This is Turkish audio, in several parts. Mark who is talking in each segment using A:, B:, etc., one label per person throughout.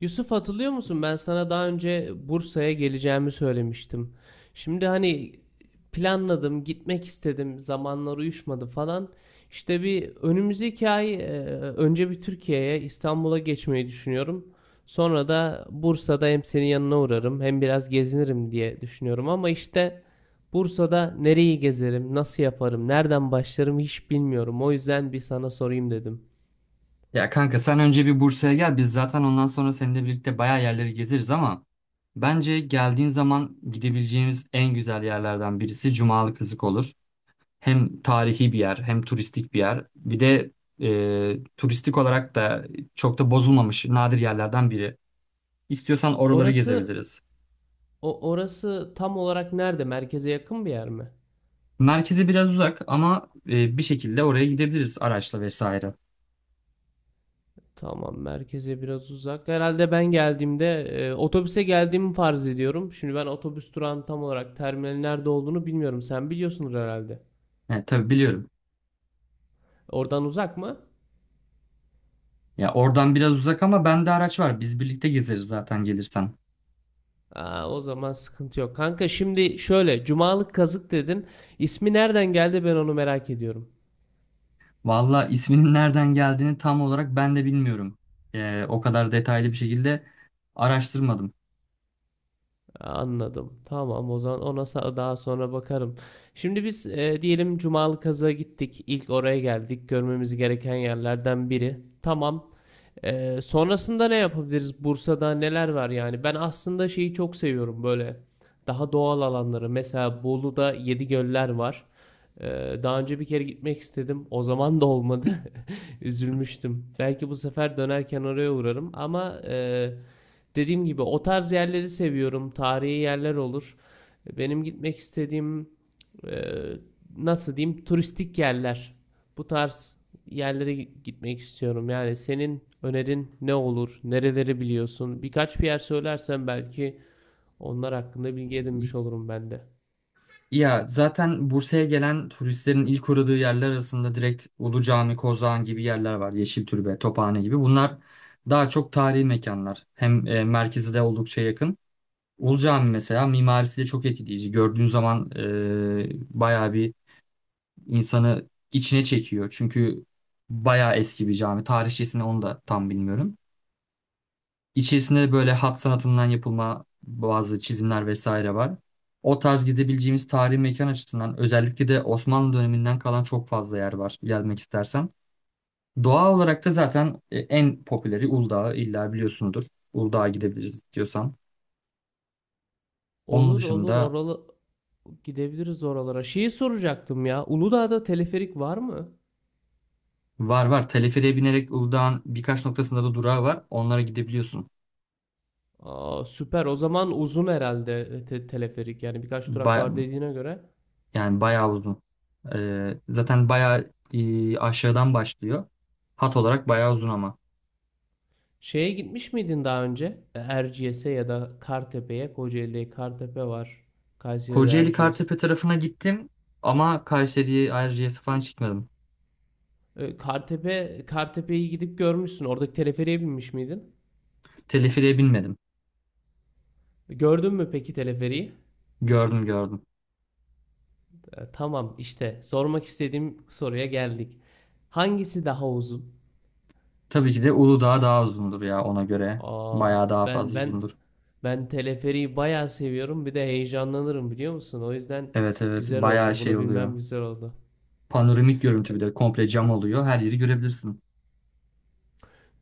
A: Yusuf hatırlıyor musun? Ben sana daha önce Bursa'ya geleceğimi söylemiştim. Şimdi hani planladım, gitmek istedim, zamanlar uyuşmadı falan. İşte bir önümüzdeki ay önce bir Türkiye'ye, İstanbul'a geçmeyi düşünüyorum. Sonra da Bursa'da hem senin yanına uğrarım, hem biraz gezinirim diye düşünüyorum. Ama işte Bursa'da nereyi gezerim, nasıl yaparım, nereden başlarım hiç bilmiyorum. O yüzden bir sana sorayım dedim.
B: Ya kanka sen önce bir Bursa'ya gel. Biz zaten ondan sonra seninle birlikte bayağı yerleri gezeriz ama bence geldiğin zaman gidebileceğimiz en güzel yerlerden birisi Cumalı Kızık olur. Hem tarihi bir yer hem turistik bir yer. Bir de turistik olarak da çok da bozulmamış nadir yerlerden biri. İstiyorsan oraları
A: Orası
B: gezebiliriz.
A: orası tam olarak nerede? Merkeze yakın bir yer mi?
B: Merkezi biraz uzak ama bir şekilde oraya gidebiliriz araçla vesaire.
A: Tamam, merkeze biraz uzak. Herhalde ben geldiğimde otobüse geldiğimi farz ediyorum. Şimdi ben otobüs durağının tam olarak terminalin nerede olduğunu bilmiyorum. Sen biliyorsundur herhalde.
B: Yani tabii biliyorum.
A: Oradan uzak mı?
B: Ya oradan biraz uzak ama bende araç var. Biz birlikte gezeriz zaten gelirsen.
A: Aa, o zaman sıkıntı yok. Kanka şimdi şöyle, Cumalık Kazık dedin. İsmi nereden geldi ben onu merak ediyorum.
B: Valla isminin nereden geldiğini tam olarak ben de bilmiyorum. O kadar detaylı bir şekilde araştırmadım.
A: Anladım. Tamam o zaman ona daha sonra bakarım. Şimdi biz diyelim Cumalı Kazı'ya gittik. İlk oraya geldik. Görmemiz gereken yerlerden biri. Tamam. Sonrasında ne yapabiliriz? Bursa'da neler var yani? Ben aslında şeyi çok seviyorum böyle. Daha doğal alanları. Mesela Bolu'da Yedi Göller var. E, Daha önce bir kere gitmek istedim. O zaman da olmadı. Üzülmüştüm. Belki bu sefer dönerken oraya uğrarım. Ama dediğim gibi o tarz yerleri seviyorum. Tarihi yerler olur. Benim gitmek istediğim e, nasıl diyeyim turistik yerler. Bu tarz yerlere gitmek istiyorum. Yani senin önerin ne olur? Nereleri biliyorsun? Birkaç bir yer söylersen belki onlar hakkında bilgi edinmiş olurum ben de.
B: Ya zaten Bursa'ya gelen turistlerin ilk uğradığı yerler arasında direkt Ulu Cami, Kozağan gibi yerler var. Yeşiltürbe, Tophane gibi. Bunlar daha çok tarihi mekanlar. Hem merkezi de oldukça yakın. Ulu Cami mesela mimarisi de çok etkileyici. Gördüğün zaman bayağı bir insanı içine çekiyor. Çünkü bayağı eski bir cami. Tarihçesini onu da tam bilmiyorum. İçerisinde de böyle hat sanatından yapılma bazı çizimler vesaire var. O tarz gidebileceğimiz tarihi mekan açısından özellikle de Osmanlı döneminden kalan çok fazla yer var gelmek istersen. Doğa olarak da zaten en popüleri Uludağ'ı illa biliyorsundur. Uludağ'a gidebiliriz diyorsan. Onun
A: Olur olur
B: dışında
A: oralı gidebiliriz oralara. Şeyi soracaktım ya. Uludağ'da teleferik var mı?
B: var var teleferiğe binerek Uludağ'ın birkaç noktasında da durağı var. Onlara gidebiliyorsun.
A: Aa, süper. O zaman uzun herhalde teleferik. Yani birkaç durak
B: Ba-
A: var dediğine göre.
B: Yani bayağı uzun. Zaten bayağı aşağıdan başlıyor. Hat olarak bayağı uzun ama.
A: Şeye gitmiş miydin daha önce? Erciyes'e ya da Kartepe'ye. Kocaeli'de Kartepe var. Kayseri'de
B: Kocaeli
A: Erciyes.
B: Kartepe tarafına gittim ama Kayseri'ye, Ayrıca'ya falan hiç gitmedim.
A: Kartepe, Kartepe'yi gidip görmüşsün. Oradaki teleferiğe binmiş miydin?
B: Teleferiğe binmedim.
A: Gördün mü peki teleferiği?
B: Gördüm gördüm.
A: Tamam işte sormak istediğim soruya geldik. Hangisi daha uzun?
B: Tabii ki de Uludağ daha uzundur ya ona göre.
A: Aa,
B: Bayağı daha
A: ben
B: fazla
A: ben
B: uzundur.
A: ben teleferiği bayağı seviyorum. Bir de heyecanlanırım biliyor musun? O yüzden
B: Evet evet
A: güzel
B: bayağı
A: oldu.
B: şey
A: Bunu bilmem
B: oluyor.
A: güzel oldu.
B: Panoramik görüntü bir de komple cam oluyor. Her yeri görebilirsin.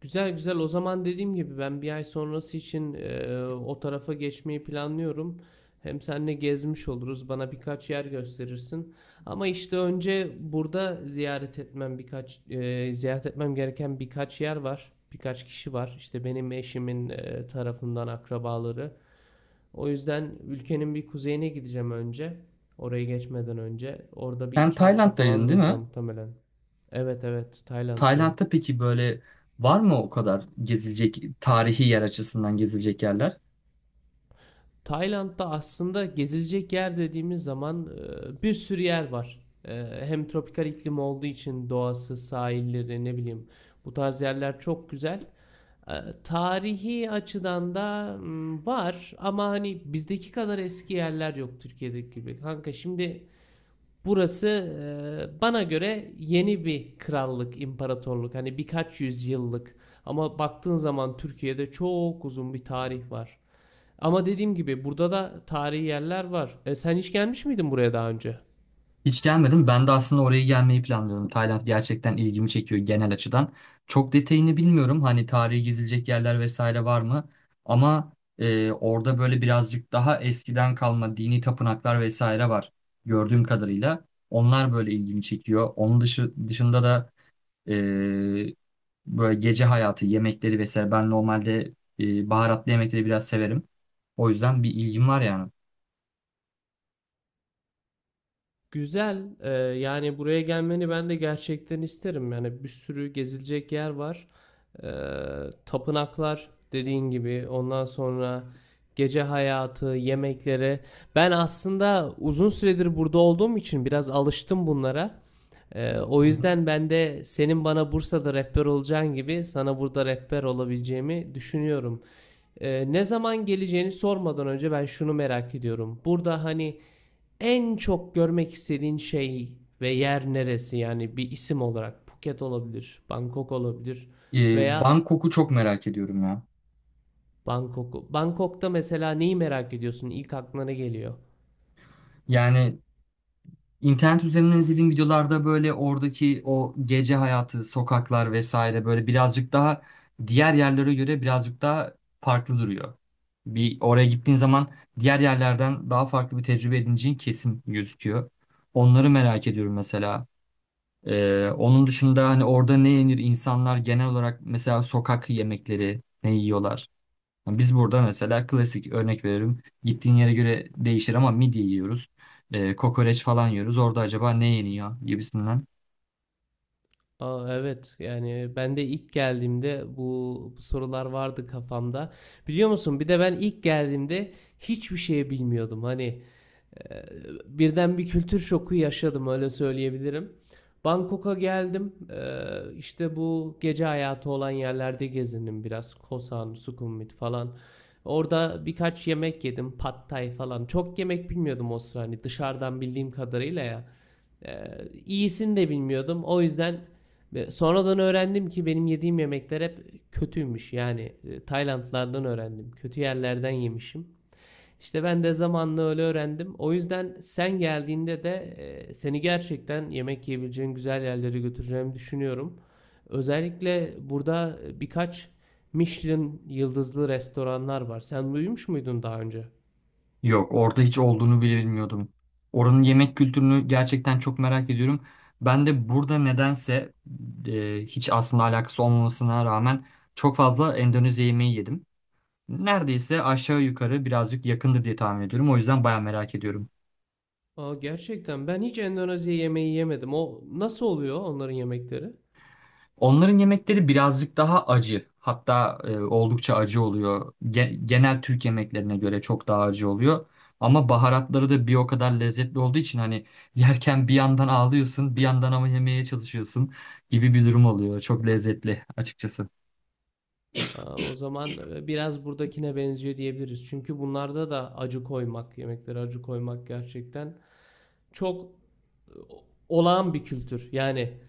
A: Güzel güzel. O zaman dediğim gibi ben bir ay sonrası için o tarafa geçmeyi planlıyorum. Hem seninle gezmiş oluruz. Bana birkaç yer gösterirsin. Ama işte önce burada ziyaret etmem ziyaret etmem gereken birkaç yer var. Birkaç kişi var. İşte benim eşimin tarafından akrabaları. O yüzden ülkenin bir kuzeyine gideceğim önce. Oraya geçmeden önce. Orada bir
B: Sen
A: iki hafta falan
B: Tayland'daydın değil
A: duracağım
B: mi?
A: muhtemelen. Evet evet Tayland'dayım.
B: Tayland'da peki böyle var mı o kadar gezilecek tarihi yer açısından gezilecek yerler?
A: Tayland'da aslında gezilecek yer dediğimiz zaman bir sürü yer var. E, hem tropikal iklim olduğu için doğası, sahilleri, ne bileyim bu tarz yerler çok güzel. E, Tarihi açıdan da var ama hani bizdeki kadar eski yerler yok Türkiye'deki gibi. Kanka şimdi burası bana göre yeni bir krallık, imparatorluk. Hani birkaç yüzyıllık ama baktığın zaman Türkiye'de çok uzun bir tarih var. Ama dediğim gibi burada da tarihi yerler var. Sen hiç gelmiş miydin buraya daha önce?
B: Hiç gelmedim. Ben de aslında oraya gelmeyi planlıyorum. Tayland gerçekten ilgimi çekiyor genel açıdan. Çok detayını bilmiyorum. Hani tarihi gezilecek yerler vesaire var mı? Ama orada böyle birazcık daha eskiden kalma dini tapınaklar vesaire var. Gördüğüm kadarıyla. Onlar böyle ilgimi çekiyor. Onun dışında da e, böyle gece hayatı, yemekleri vesaire. Ben normalde baharatlı yemekleri biraz severim. O yüzden bir ilgim var yani.
A: Güzel. Yani buraya gelmeni ben de gerçekten isterim. Yani bir sürü gezilecek yer var. E, Tapınaklar dediğin gibi. Ondan sonra gece hayatı, yemekleri. Ben aslında uzun süredir burada olduğum için biraz alıştım bunlara. O
B: Hı hı.
A: yüzden ben de senin bana Bursa'da rehber olacağın gibi sana burada rehber olabileceğimi düşünüyorum. Ne zaman geleceğini sormadan önce ben şunu merak ediyorum. Burada hani en çok görmek istediğin şey ve yer neresi? Yani bir isim olarak Phuket olabilir, Bangkok olabilir veya
B: Bangkok'u çok merak ediyorum ya.
A: Bangkok. Bangkok'ta mesela neyi merak ediyorsun? İlk aklına ne geliyor?
B: Yani İnternet üzerinden izlediğim videolarda böyle oradaki o gece hayatı, sokaklar vesaire böyle birazcık daha diğer yerlere göre birazcık daha farklı duruyor. Bir oraya gittiğin zaman diğer yerlerden daha farklı bir tecrübe edineceğin kesin gözüküyor. Onları merak ediyorum mesela. Onun dışında hani orada ne yenir insanlar genel olarak mesela sokak yemekleri ne yiyorlar? Biz burada mesela klasik örnek veririm. Gittiğin yere göre değişir ama midye yiyoruz. Kokoreç falan yiyoruz. Orada acaba ne yeniyor gibisinden.
A: Aa, evet yani ben de ilk geldiğimde bu sorular vardı kafamda. Biliyor musun? Bir de ben ilk geldiğimde hiçbir şey bilmiyordum. Ee, Birden bir kültür şoku yaşadım öyle söyleyebilirim. Bangkok'a geldim. İşte bu gece hayatı olan yerlerde gezindim biraz. Koh San, Sukhumvit falan. Orada birkaç yemek yedim. Pad Thai falan. Çok yemek bilmiyordum o sıra hani dışarıdan bildiğim kadarıyla ya. Ee, iyisini de bilmiyordum. O yüzden sonradan öğrendim ki benim yediğim yemekler hep kötüymüş. Yani Taylandlardan öğrendim. Kötü yerlerden yemişim. İşte ben de zamanla öyle öğrendim. O yüzden sen geldiğinde de seni gerçekten yemek yiyebileceğin güzel yerlere götüreceğimi düşünüyorum. Özellikle burada birkaç Michelin yıldızlı restoranlar var. Sen duymuş muydun daha önce?
B: Yok orada hiç olduğunu bile bilmiyordum. Oranın yemek kültürünü gerçekten çok merak ediyorum. Ben de burada nedense hiç aslında alakası olmamasına rağmen çok fazla Endonezya yemeği yedim. Neredeyse aşağı yukarı birazcık yakındır diye tahmin ediyorum. O yüzden baya merak ediyorum.
A: Aa, gerçekten ben hiç Endonezya yemeği yemedim. O nasıl oluyor onların yemekleri?
B: Onların yemekleri birazcık daha acı. Hatta oldukça acı oluyor. Genel Türk yemeklerine göre çok daha acı oluyor. Ama baharatları da bir o kadar lezzetli olduğu için hani yerken bir yandan ağlıyorsun, bir yandan ama yemeye çalışıyorsun gibi bir durum oluyor. Çok lezzetli açıkçası.
A: Aa, o zaman biraz buradakine benziyor diyebiliriz. Çünkü bunlarda da acı koymak, yemeklere acı koymak gerçekten çok e, olağan bir kültür. Yani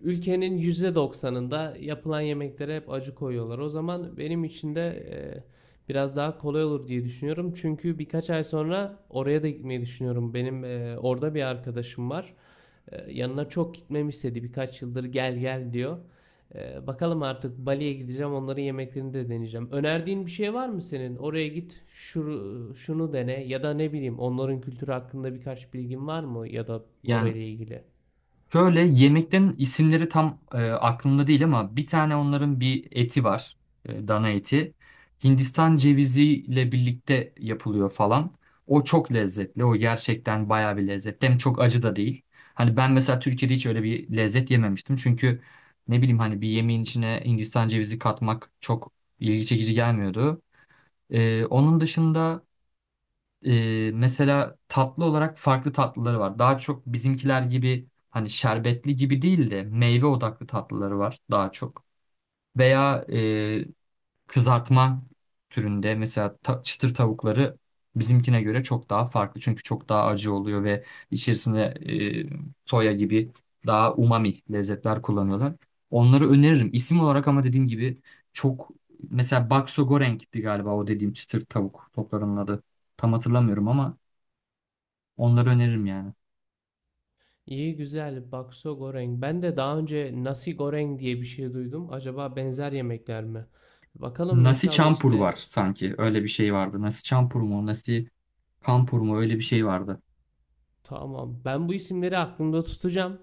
A: ülkenin %90'ında yapılan yemeklere hep acı koyuyorlar. O zaman benim için de biraz daha kolay olur diye düşünüyorum. Çünkü birkaç ay sonra oraya da gitmeyi düşünüyorum. Benim orada bir arkadaşım var. Yanına çok gitmemi istedi. Birkaç yıldır gel gel diyor. Bakalım artık Bali'ye gideceğim. Onların yemeklerini de deneyeceğim. Önerdiğin bir şey var mı senin? Oraya git, şunu, şunu dene ya da ne bileyim onların kültürü hakkında birkaç bilgin var mı ya da
B: Yani
A: orayla ilgili?
B: şöyle yemeklerin isimleri tam aklımda değil ama bir tane onların bir eti var. Dana eti. Hindistan ceviziyle birlikte yapılıyor falan. O çok lezzetli. O gerçekten bayağı bir lezzetli. Hem çok acı da değil. Hani ben mesela Türkiye'de hiç öyle bir lezzet yememiştim. Çünkü ne bileyim hani bir yemeğin içine Hindistan cevizi katmak çok ilgi çekici gelmiyordu. Onun dışında mesela tatlı olarak farklı tatlıları var. Daha çok bizimkiler gibi hani şerbetli gibi değil de meyve odaklı tatlıları var daha çok. Veya kızartma türünde mesela çıtır tavukları bizimkine göre çok daha farklı. Çünkü çok daha acı oluyor ve içerisinde soya gibi daha umami lezzetler kullanıyorlar. Onları öneririm. İsim olarak ama dediğim gibi çok mesela bakso goreng'ti galiba o dediğim çıtır tavuk toplarının adı. Tam hatırlamıyorum ama onları öneririm yani.
A: İyi güzel bakso goreng. Ben de daha önce nasi goreng diye bir şey duydum. Acaba benzer yemekler mi? Bakalım
B: Nasi
A: inşallah
B: Campur var
A: işte
B: sanki. Öyle bir şey vardı. Nasi Campur mu? Nasi Kampur mu? Öyle bir şey vardı.
A: tamam. Ben bu isimleri aklımda tutacağım.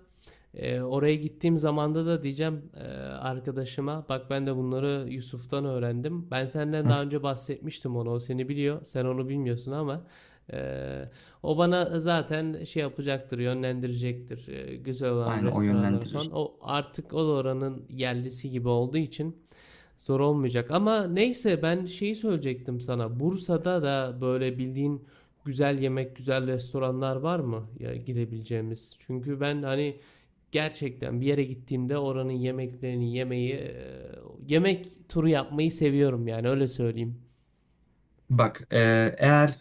A: Oraya gittiğim zamanda da diyeceğim arkadaşıma bak ben de bunları Yusuf'tan öğrendim. Ben senden
B: Heh,
A: daha önce bahsetmiştim onu. O seni biliyor. Sen onu bilmiyorsun ama e, o bana zaten şey yapacaktır, yönlendirecektir. Güzel olan
B: aynen o
A: restoranlara
B: yönlendirir.
A: falan. O artık o da oranın yerlisi gibi olduğu için zor olmayacak ama neyse ben şeyi söyleyecektim sana. Bursa'da da böyle bildiğin güzel yemek, güzel restoranlar var mı ya gidebileceğimiz? Çünkü ben hani gerçekten bir yere gittiğimde oranın yemeklerini yemeyi, yemek turu yapmayı seviyorum yani öyle söyleyeyim.
B: Bak eğer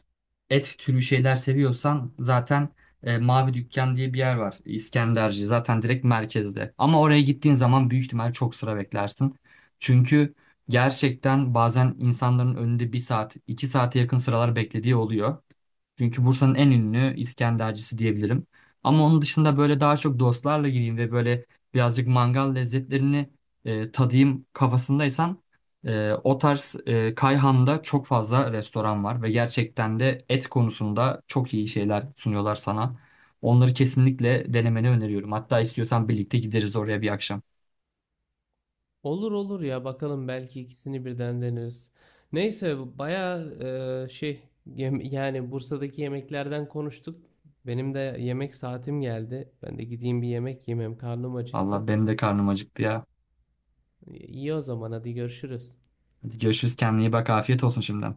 B: et türü şeyler seviyorsan zaten Mavi Dükkan diye bir yer var İskenderci zaten direkt merkezde. Ama oraya gittiğin zaman büyük ihtimal çok sıra beklersin. Çünkü gerçekten bazen insanların önünde bir saat iki saate yakın sıralar beklediği oluyor. Çünkü Bursa'nın en ünlü İskendercisi diyebilirim. Ama onun dışında böyle daha çok dostlarla gireyim ve böyle birazcık mangal lezzetlerini tadayım kafasındaysan o tarz Kayhan'da çok fazla restoran var ve gerçekten de et konusunda çok iyi şeyler sunuyorlar sana. Onları kesinlikle denemeni öneriyorum. Hatta istiyorsan birlikte gideriz oraya bir akşam.
A: Olur olur ya bakalım belki ikisini birden deneriz. Neyse baya yani Bursa'daki yemeklerden konuştuk. Benim de yemek saatim geldi. Ben de gideyim bir yemek yemem. Karnım
B: Valla
A: acıktı.
B: benim de karnım acıktı ya.
A: İyi o zaman hadi görüşürüz.
B: Hadi görüşürüz, kendine iyi bak, afiyet olsun şimdiden.